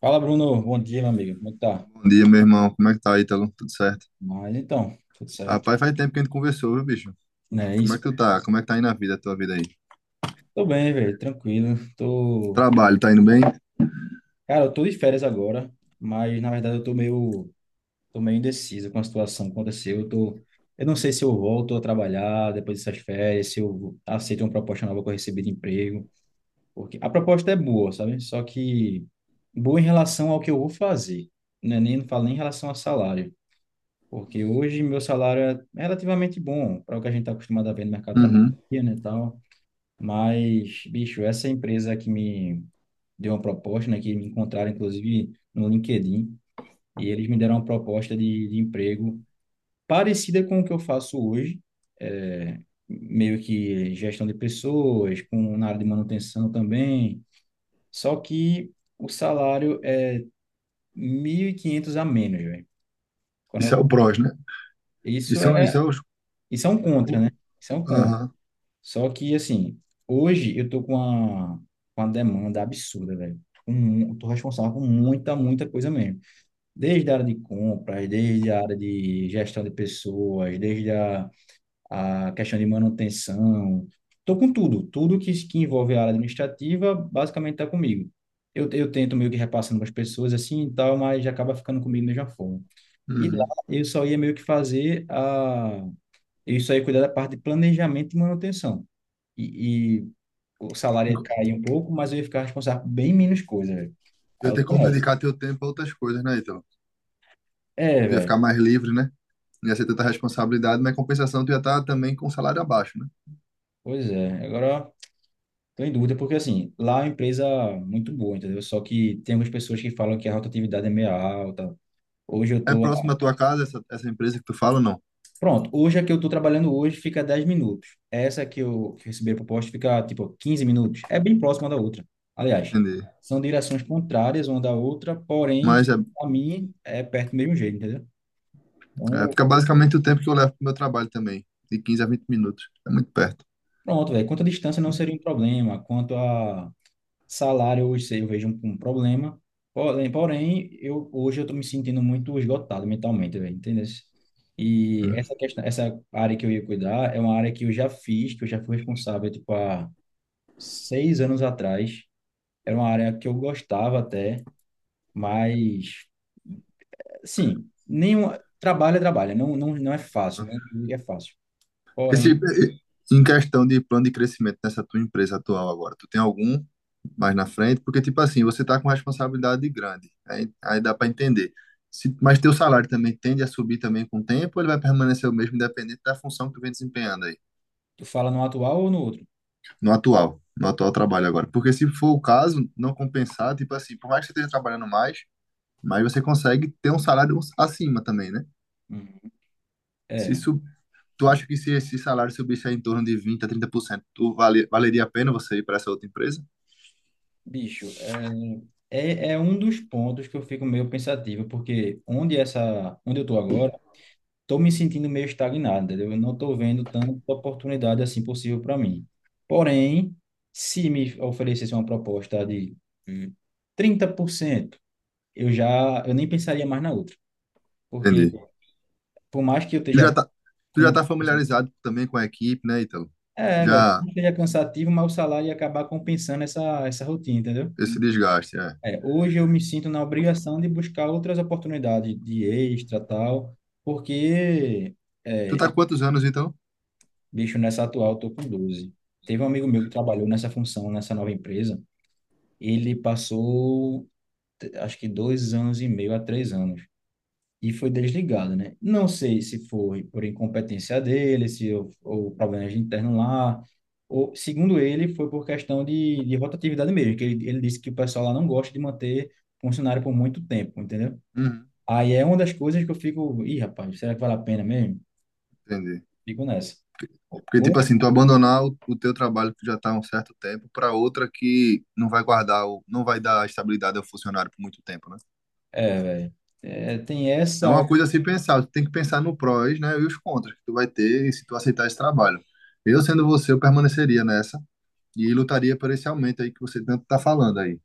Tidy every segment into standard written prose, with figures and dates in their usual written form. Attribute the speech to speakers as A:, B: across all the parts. A: Fala, Bruno. Bom dia, meu amigo. Como é que tá?
B: Bom dia, meu irmão. Como é que tá, Ítalo? Tudo certo?
A: Mas então, tudo certo.
B: Rapaz, faz tempo que a gente conversou, viu, bicho?
A: Não é
B: Como é que
A: isso?
B: tu tá? Como é que tá indo a vida, a tua vida aí?
A: Tô bem, velho. Tranquilo.
B: O
A: Tô.
B: trabalho, tá indo bem?
A: Cara, eu tô de férias agora, mas na verdade eu tô meio indeciso com a situação que aconteceu. Eu não sei se eu volto a trabalhar depois dessas férias, se eu aceito uma proposta nova que eu recebi de emprego. Porque a proposta é boa, sabe? Só que boa em relação ao que eu vou fazer. Não falo nem em relação a salário. Porque hoje meu salário é relativamente bom para o que a gente está acostumado a ver no mercado de trabalho
B: Uhum.
A: aqui, né, e tal. Mas, bicho, essa empresa que me deu uma proposta, né, que me encontraram inclusive no LinkedIn, e eles me deram uma proposta de emprego parecida com o que eu faço hoje, é, meio que gestão de pessoas, com na área de manutenção também. Só que o salário é 1.500 a menos, velho. Quando
B: Isso é o
A: eu-
B: prós, né?
A: isso
B: Isso é,
A: é,
B: isso é os-
A: isso é um contra,
B: o...
A: né? Isso é um contra.
B: Aham.
A: Só que, assim, hoje eu tô com uma demanda absurda, velho. Tô responsável por muita, muita coisa mesmo. Desde a área de compras, desde a área de gestão de pessoas, desde a questão de manutenção. Tô com tudo. Tudo que envolve a área administrativa, basicamente tá comigo. Eu tento meio que repassando para as pessoas assim e tal, mas acaba ficando comigo da mesma forma. E lá
B: Uhum.
A: eu só ia meio que fazer a... Eu só ia cuidar da parte de planejamento e manutenção. E o salário ia cair um pouco, mas eu ia ficar responsável por bem menos coisa, velho.
B: Ia
A: Aí eu
B: ter
A: tô
B: como
A: nessa.
B: dedicar teu tempo a outras coisas, né, Ítalo?
A: É,
B: Tu ia
A: velho.
B: ficar mais livre, né? Não ia ser tanta responsabilidade, mas em compensação tu ia estar também com o salário abaixo, né?
A: Pois é. Agora, tô em dúvida, porque assim, lá é uma empresa muito boa, entendeu? Só que tem algumas pessoas que falam que a rotatividade é meio alta. Hoje eu
B: É
A: tô.
B: próximo da tua casa essa empresa que tu fala ou não?
A: Pronto, hoje a que eu tô trabalhando hoje fica 10 minutos. Essa que eu que recebi a proposta fica, tipo, 15 minutos. É bem próxima da outra. Aliás,
B: Entendi.
A: são direções contrárias uma da outra, porém,
B: Mas é,
A: a mim é perto do mesmo jeito, entendeu?
B: é,
A: Então,
B: fica basicamente o tempo que eu levo pro meu trabalho também, de 15 a 20 minutos. É muito perto.
A: pronto, velho. Quanto à distância não seria um problema, quanto a salário, hoje eu vejo um problema. Porém, porém, hoje eu tô me sentindo muito esgotado mentalmente, velho, entendeu? E essa questão, essa área que eu ia cuidar é uma área que eu já fiz, que eu já fui responsável, tipo, há 6 anos atrás. Era uma área que eu gostava até, mas, sim, nenhum, trabalho é trabalho, não é fácil, não é fácil.
B: Esse,
A: Porém,
B: em questão de plano de crescimento nessa tua empresa atual agora, tu tem algum mais na frente? Porque, tipo assim, você tá com responsabilidade grande, aí dá para entender. Se, mas teu salário também tende a subir também com o tempo, ou ele vai permanecer o mesmo, independente da função que tu vem desempenhando aí,
A: tu fala no atual ou no outro?
B: no atual trabalho agora. Porque se for o caso, não compensar, tipo assim, por mais que você esteja trabalhando mais, mas você consegue ter um salário acima também, né?
A: Hum,
B: Se
A: é.
B: isso, tu acha que se esse salário subisse aí em torno de 20 a 30% tu valeria a pena você ir para essa outra empresa?
A: Bicho, é um dos pontos que eu fico meio pensativo, porque onde eu tô agora, tô me sentindo meio estagnado, entendeu? Eu não tô vendo tanta oportunidade assim possível para mim. Porém, se me oferecesse uma proposta de hum, 30%, eu nem pensaria mais na outra, porque
B: Entendi.
A: por mais que eu
B: Tu já
A: esteja
B: tá, tu
A: com
B: já
A: muita...
B: tá familiarizado também com a equipe, né, Ítalo?
A: É, velho, por
B: Já
A: mais que seja cansativo, mas o salário ia acabar compensando essa rotina, entendeu?
B: esse desgaste, é.
A: É, hoje eu me sinto na obrigação de buscar outras oportunidades de extra, tal, porque,
B: Tu
A: é,
B: tá há
A: eu-
B: quantos anos, então?
A: bicho, nessa atual eu tô com 12. Teve um amigo meu que trabalhou nessa função, nessa nova empresa, ele passou, acho que 2 anos e meio a 3 anos, e foi desligado, né? Não sei se foi por incompetência dele, se ou, ou problemas internos lá, ou, segundo ele, foi por questão de rotatividade mesmo, que ele disse que o pessoal lá não gosta de manter funcionário por muito tempo, entendeu?
B: Uhum.
A: Aí é uma das coisas que eu fico, ih, rapaz, será que vale a pena mesmo?
B: Entendi.
A: Fico nessa.
B: Porque,
A: Ou,
B: tipo assim, tu abandonar o teu trabalho que tu já tá há um certo tempo para outra que não vai guardar, o, não vai dar estabilidade ao funcionário por muito tempo, né?
A: é, velho, é, tem essa,
B: É uma coisa a se pensar, tu tem que pensar no prós, né, e os contras que tu vai ter se tu aceitar esse trabalho. Eu, sendo você, eu permaneceria nessa e lutaria por esse aumento aí que você tanto tá falando aí.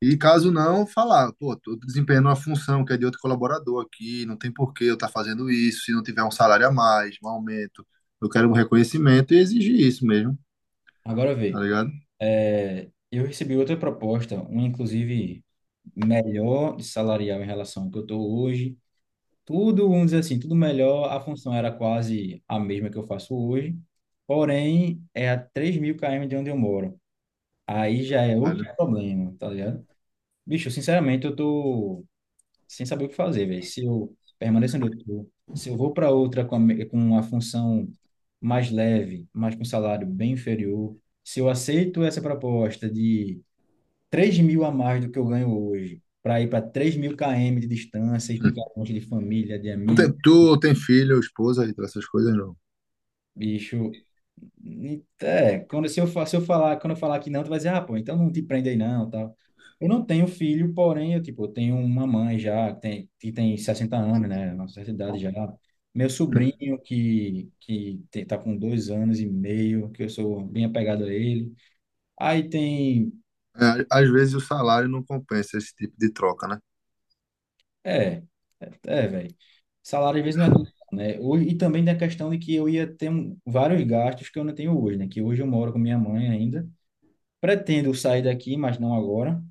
B: E caso não, falar, pô, tô desempenhando uma função que é de outro colaborador aqui, não tem por que eu estar fazendo isso, se não tiver um salário a mais, um aumento, eu quero um reconhecimento e exigir isso mesmo,
A: agora
B: tá
A: vê.
B: ligado?
A: É, eu recebi outra proposta, uma inclusive melhor de salarial em relação ao que eu estou hoje. Tudo, vamos dizer assim, tudo melhor, a função era quase a mesma que eu faço hoje, porém é a 3 mil km de onde eu moro. Aí já é outro
B: Olha.
A: problema, tá ligado? Bicho, sinceramente, eu tô sem saber o que fazer, velho. Se eu permaneço onde eu tô, se eu vou para outra com uma função mais leve, mas com um salário bem inferior, se eu aceito essa proposta de 3 mil a mais do que eu ganho hoje, para ir para 3 mil km de distância e
B: Hum.
A: ficar longe de família, de
B: Tu tem,
A: amigos.
B: tu tem filho, esposa, e essas coisas não.
A: Bicho, ni- é, quando se eu, fa- Se eu falar, quando eu falar que não, tu vai dizer, ah, pô, então não te prende aí não, tal. Eu não tenho filho, porém, eu, tipo, eu tenho uma mãe já, que tem 60 anos, né, nossa idade já. Meu
B: Hum.
A: sobrinho, que tá com 2 anos e meio, que eu sou bem apegado a ele. Aí tem,
B: É, às vezes o salário não compensa esse tipo de troca, né?
A: é, velho. Salário às vezes não é tudo, né? ou E também da questão de que eu ia ter vários gastos que eu não tenho hoje, né? Que hoje eu moro com minha mãe ainda. Pretendo sair daqui, mas não agora.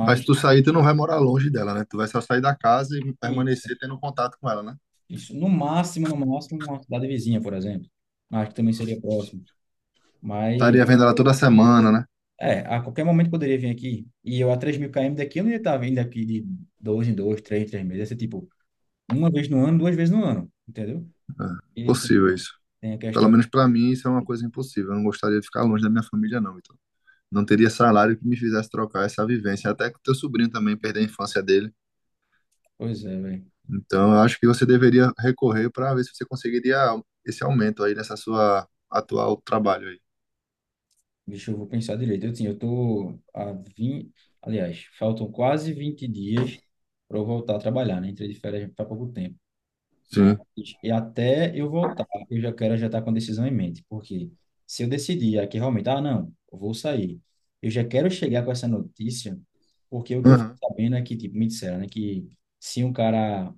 B: Mas se tu sair, tu não vai morar longe dela, né? Tu vai só sair da casa e
A: isso,
B: permanecer tendo contato com ela, né?
A: isso. No máximo, no máximo, uma cidade vizinha, por exemplo. Mas que também seria próximo. Mas,
B: Estaria vendo ela toda semana, né?
A: é, a qualquer momento poderia vir aqui. E eu a 3 mil km daqui, eu não ia estar vindo aqui de dois em dois, três em três meses. Ia ser tipo, uma vez no ano, duas vezes no ano. Entendeu?
B: É,
A: E tem,
B: possível isso.
A: tem a
B: Pelo
A: questão.
B: menos para mim, isso é uma coisa impossível. Eu não gostaria de ficar longe da minha família, não, então. Não teria salário que me fizesse trocar essa vivência, até que o teu sobrinho também perdeu a infância dele.
A: Pois é, velho.
B: Então, eu acho que você deveria recorrer para ver se você conseguiria esse aumento aí nessa sua atual trabalho aí.
A: Deixa eu vou pensar direito. Eu, assim, eu tô a 20. Aliás, faltam quase 20 dias para eu voltar a trabalhar, né? Entrei de férias faz pouco tempo. Mas
B: Sim.
A: e até eu voltar, eu já quero já estar com a decisão em mente, porque se eu decidir aqui realmente, ah, não, eu vou sair, eu já quero chegar com essa notícia, porque o que eu fico
B: Aham.
A: sabendo é que, tipo, me disseram, né, que se um cara,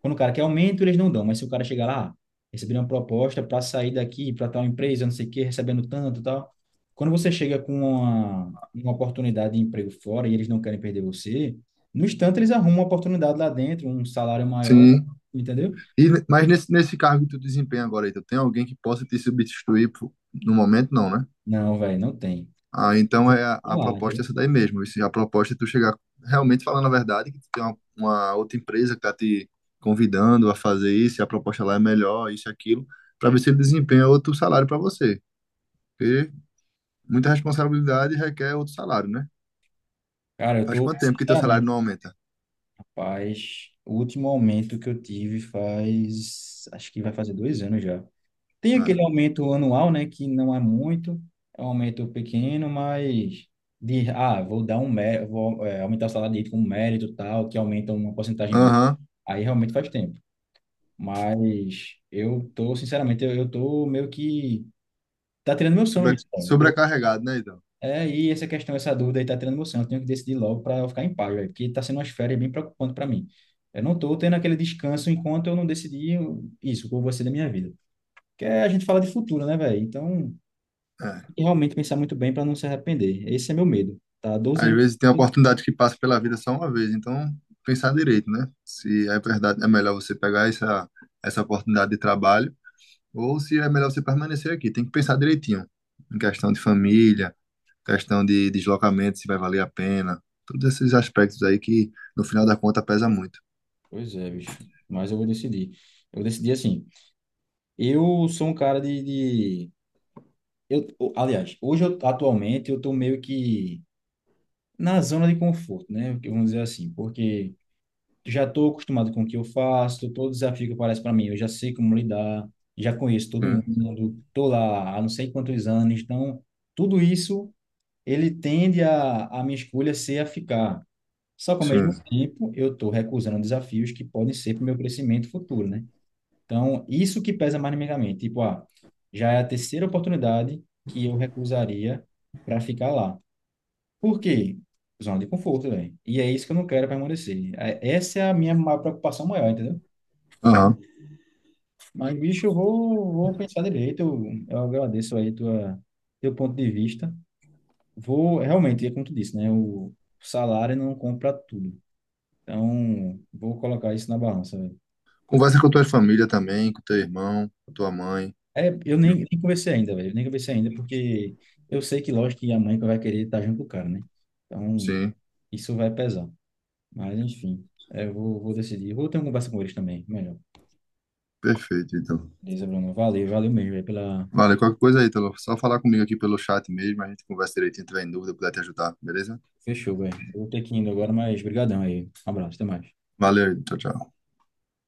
A: quando o cara quer aumento, eles não dão, mas se o cara chegar lá, ah, receber uma proposta para sair daqui, para tal empresa, não sei o quê, recebendo tanto e tal, quando você chega com uma oportunidade de emprego fora e eles não querem perder você, no instante eles arrumam uma oportunidade lá dentro, um salário maior,
B: Sim.
A: entendeu?
B: E, mas nesse, nesse cargo que tu desempenha agora aí, tu tem alguém que possa te substituir pro- no momento, não, né?
A: Não, velho, não tem.
B: Ah, então é
A: Exemplo
B: a
A: lá,
B: proposta
A: entendeu?
B: é essa daí mesmo. Isso, a proposta é tu chegar realmente falando a verdade, que tu tem uma outra empresa que tá te convidando a fazer isso, e a proposta lá é melhor, isso e aquilo, para ver se ele desempenha outro salário para você. Porque muita responsabilidade requer outro salário, né?
A: Cara, eu
B: Faz
A: tô,
B: quanto tempo que teu salário não
A: sinceramente,
B: aumenta?
A: rapaz, o último aumento que eu tive faz, acho que vai fazer 2 anos já. Tem
B: É.
A: aquele aumento anual, né, que não é muito, é um aumento pequeno, mas de, ah, vou dar um mérito, vou, é, aumentar o salário dele com mérito e tal, que aumenta uma porcentagem boa.
B: Aham.
A: Aí realmente faz tempo. Mas eu tô, sinceramente, eu tô meio que, tá tirando meu sono isso, cara.
B: Sobrecarregado, né, então?
A: É, e essa questão, essa dúvida aí tá tirando emoção. Eu tenho que decidir logo para eu ficar em paz, velho, porque tá sendo umas férias bem preocupante para mim. Eu não tô tendo aquele descanso enquanto eu não decidir isso, o que eu vou ser da minha vida. Porque a gente fala de futuro, né, velho? Então, tem
B: É.
A: que realmente pensar muito bem para não se arrepender. Esse é meu medo, tá? Há Doze
B: Às
A: anos.
B: vezes tem oportunidade que passa pela vida só uma vez, então pensar direito, né? Se é verdade, é melhor você pegar essa, essa oportunidade de trabalho. Ou se é melhor você permanecer aqui. Tem que pensar direitinho. Em questão de família, questão de deslocamento, se vai valer a pena. Todos esses aspectos aí que, no final da conta, pesa muito.
A: Pois é, bicho. Mas eu vou decidir. Eu decidi assim. Eu sou um cara de... Hoje, eu, atualmente, eu tô meio que na zona de conforto, né? Vamos dizer assim, porque já estou acostumado com o que eu faço, todo desafio que aparece para mim, eu já sei como lidar, já conheço todo
B: Sim,
A: mundo, estou lá há não sei quantos anos, então tudo isso ele tende a minha escolha ser a ficar. Só que ao mesmo
B: sim.
A: tempo eu estou recusando desafios que podem ser para o meu crescimento futuro, né? Então isso que pesa mais na minha mente, tipo, ah, já é a terceira oportunidade que eu recusaria para ficar lá. Por quê? Zona de conforto, velho. E é isso que eu não quero permanecer. É- essa é a minha maior preocupação maior, entendeu?
B: Aham.
A: Mas, bicho, vou pensar direito. Eu agradeço aí teu ponto de vista. Vou, realmente, é como tu disse, né? O salário não compra tudo. Então, vou colocar isso na balança, velho.
B: Conversa com a tua família também, com teu irmão, com tua mãe.
A: É, eu nem conversei ainda, velho. Eu nem conversei ainda, porque eu sei que, lógico, que a mãe que vai querer estar junto com o cara, né? Então,
B: Sim,
A: isso vai pesar. Mas, enfim, é, vou decidir. Vou ter uma conversa com eles também, melhor.
B: perfeito, então.
A: Beleza, Bruno. Valeu, valeu mesmo aí pela.
B: Vale, qualquer coisa aí, Telo. Só falar comigo aqui pelo chat mesmo, a gente conversa direitinho, tiver em dúvida, puder te ajudar, beleza?
A: Fechou, velho. Eu vou ter que ir indo agora, mas brigadão aí. Um abraço, até mais.
B: Valeu, tchau, tchau.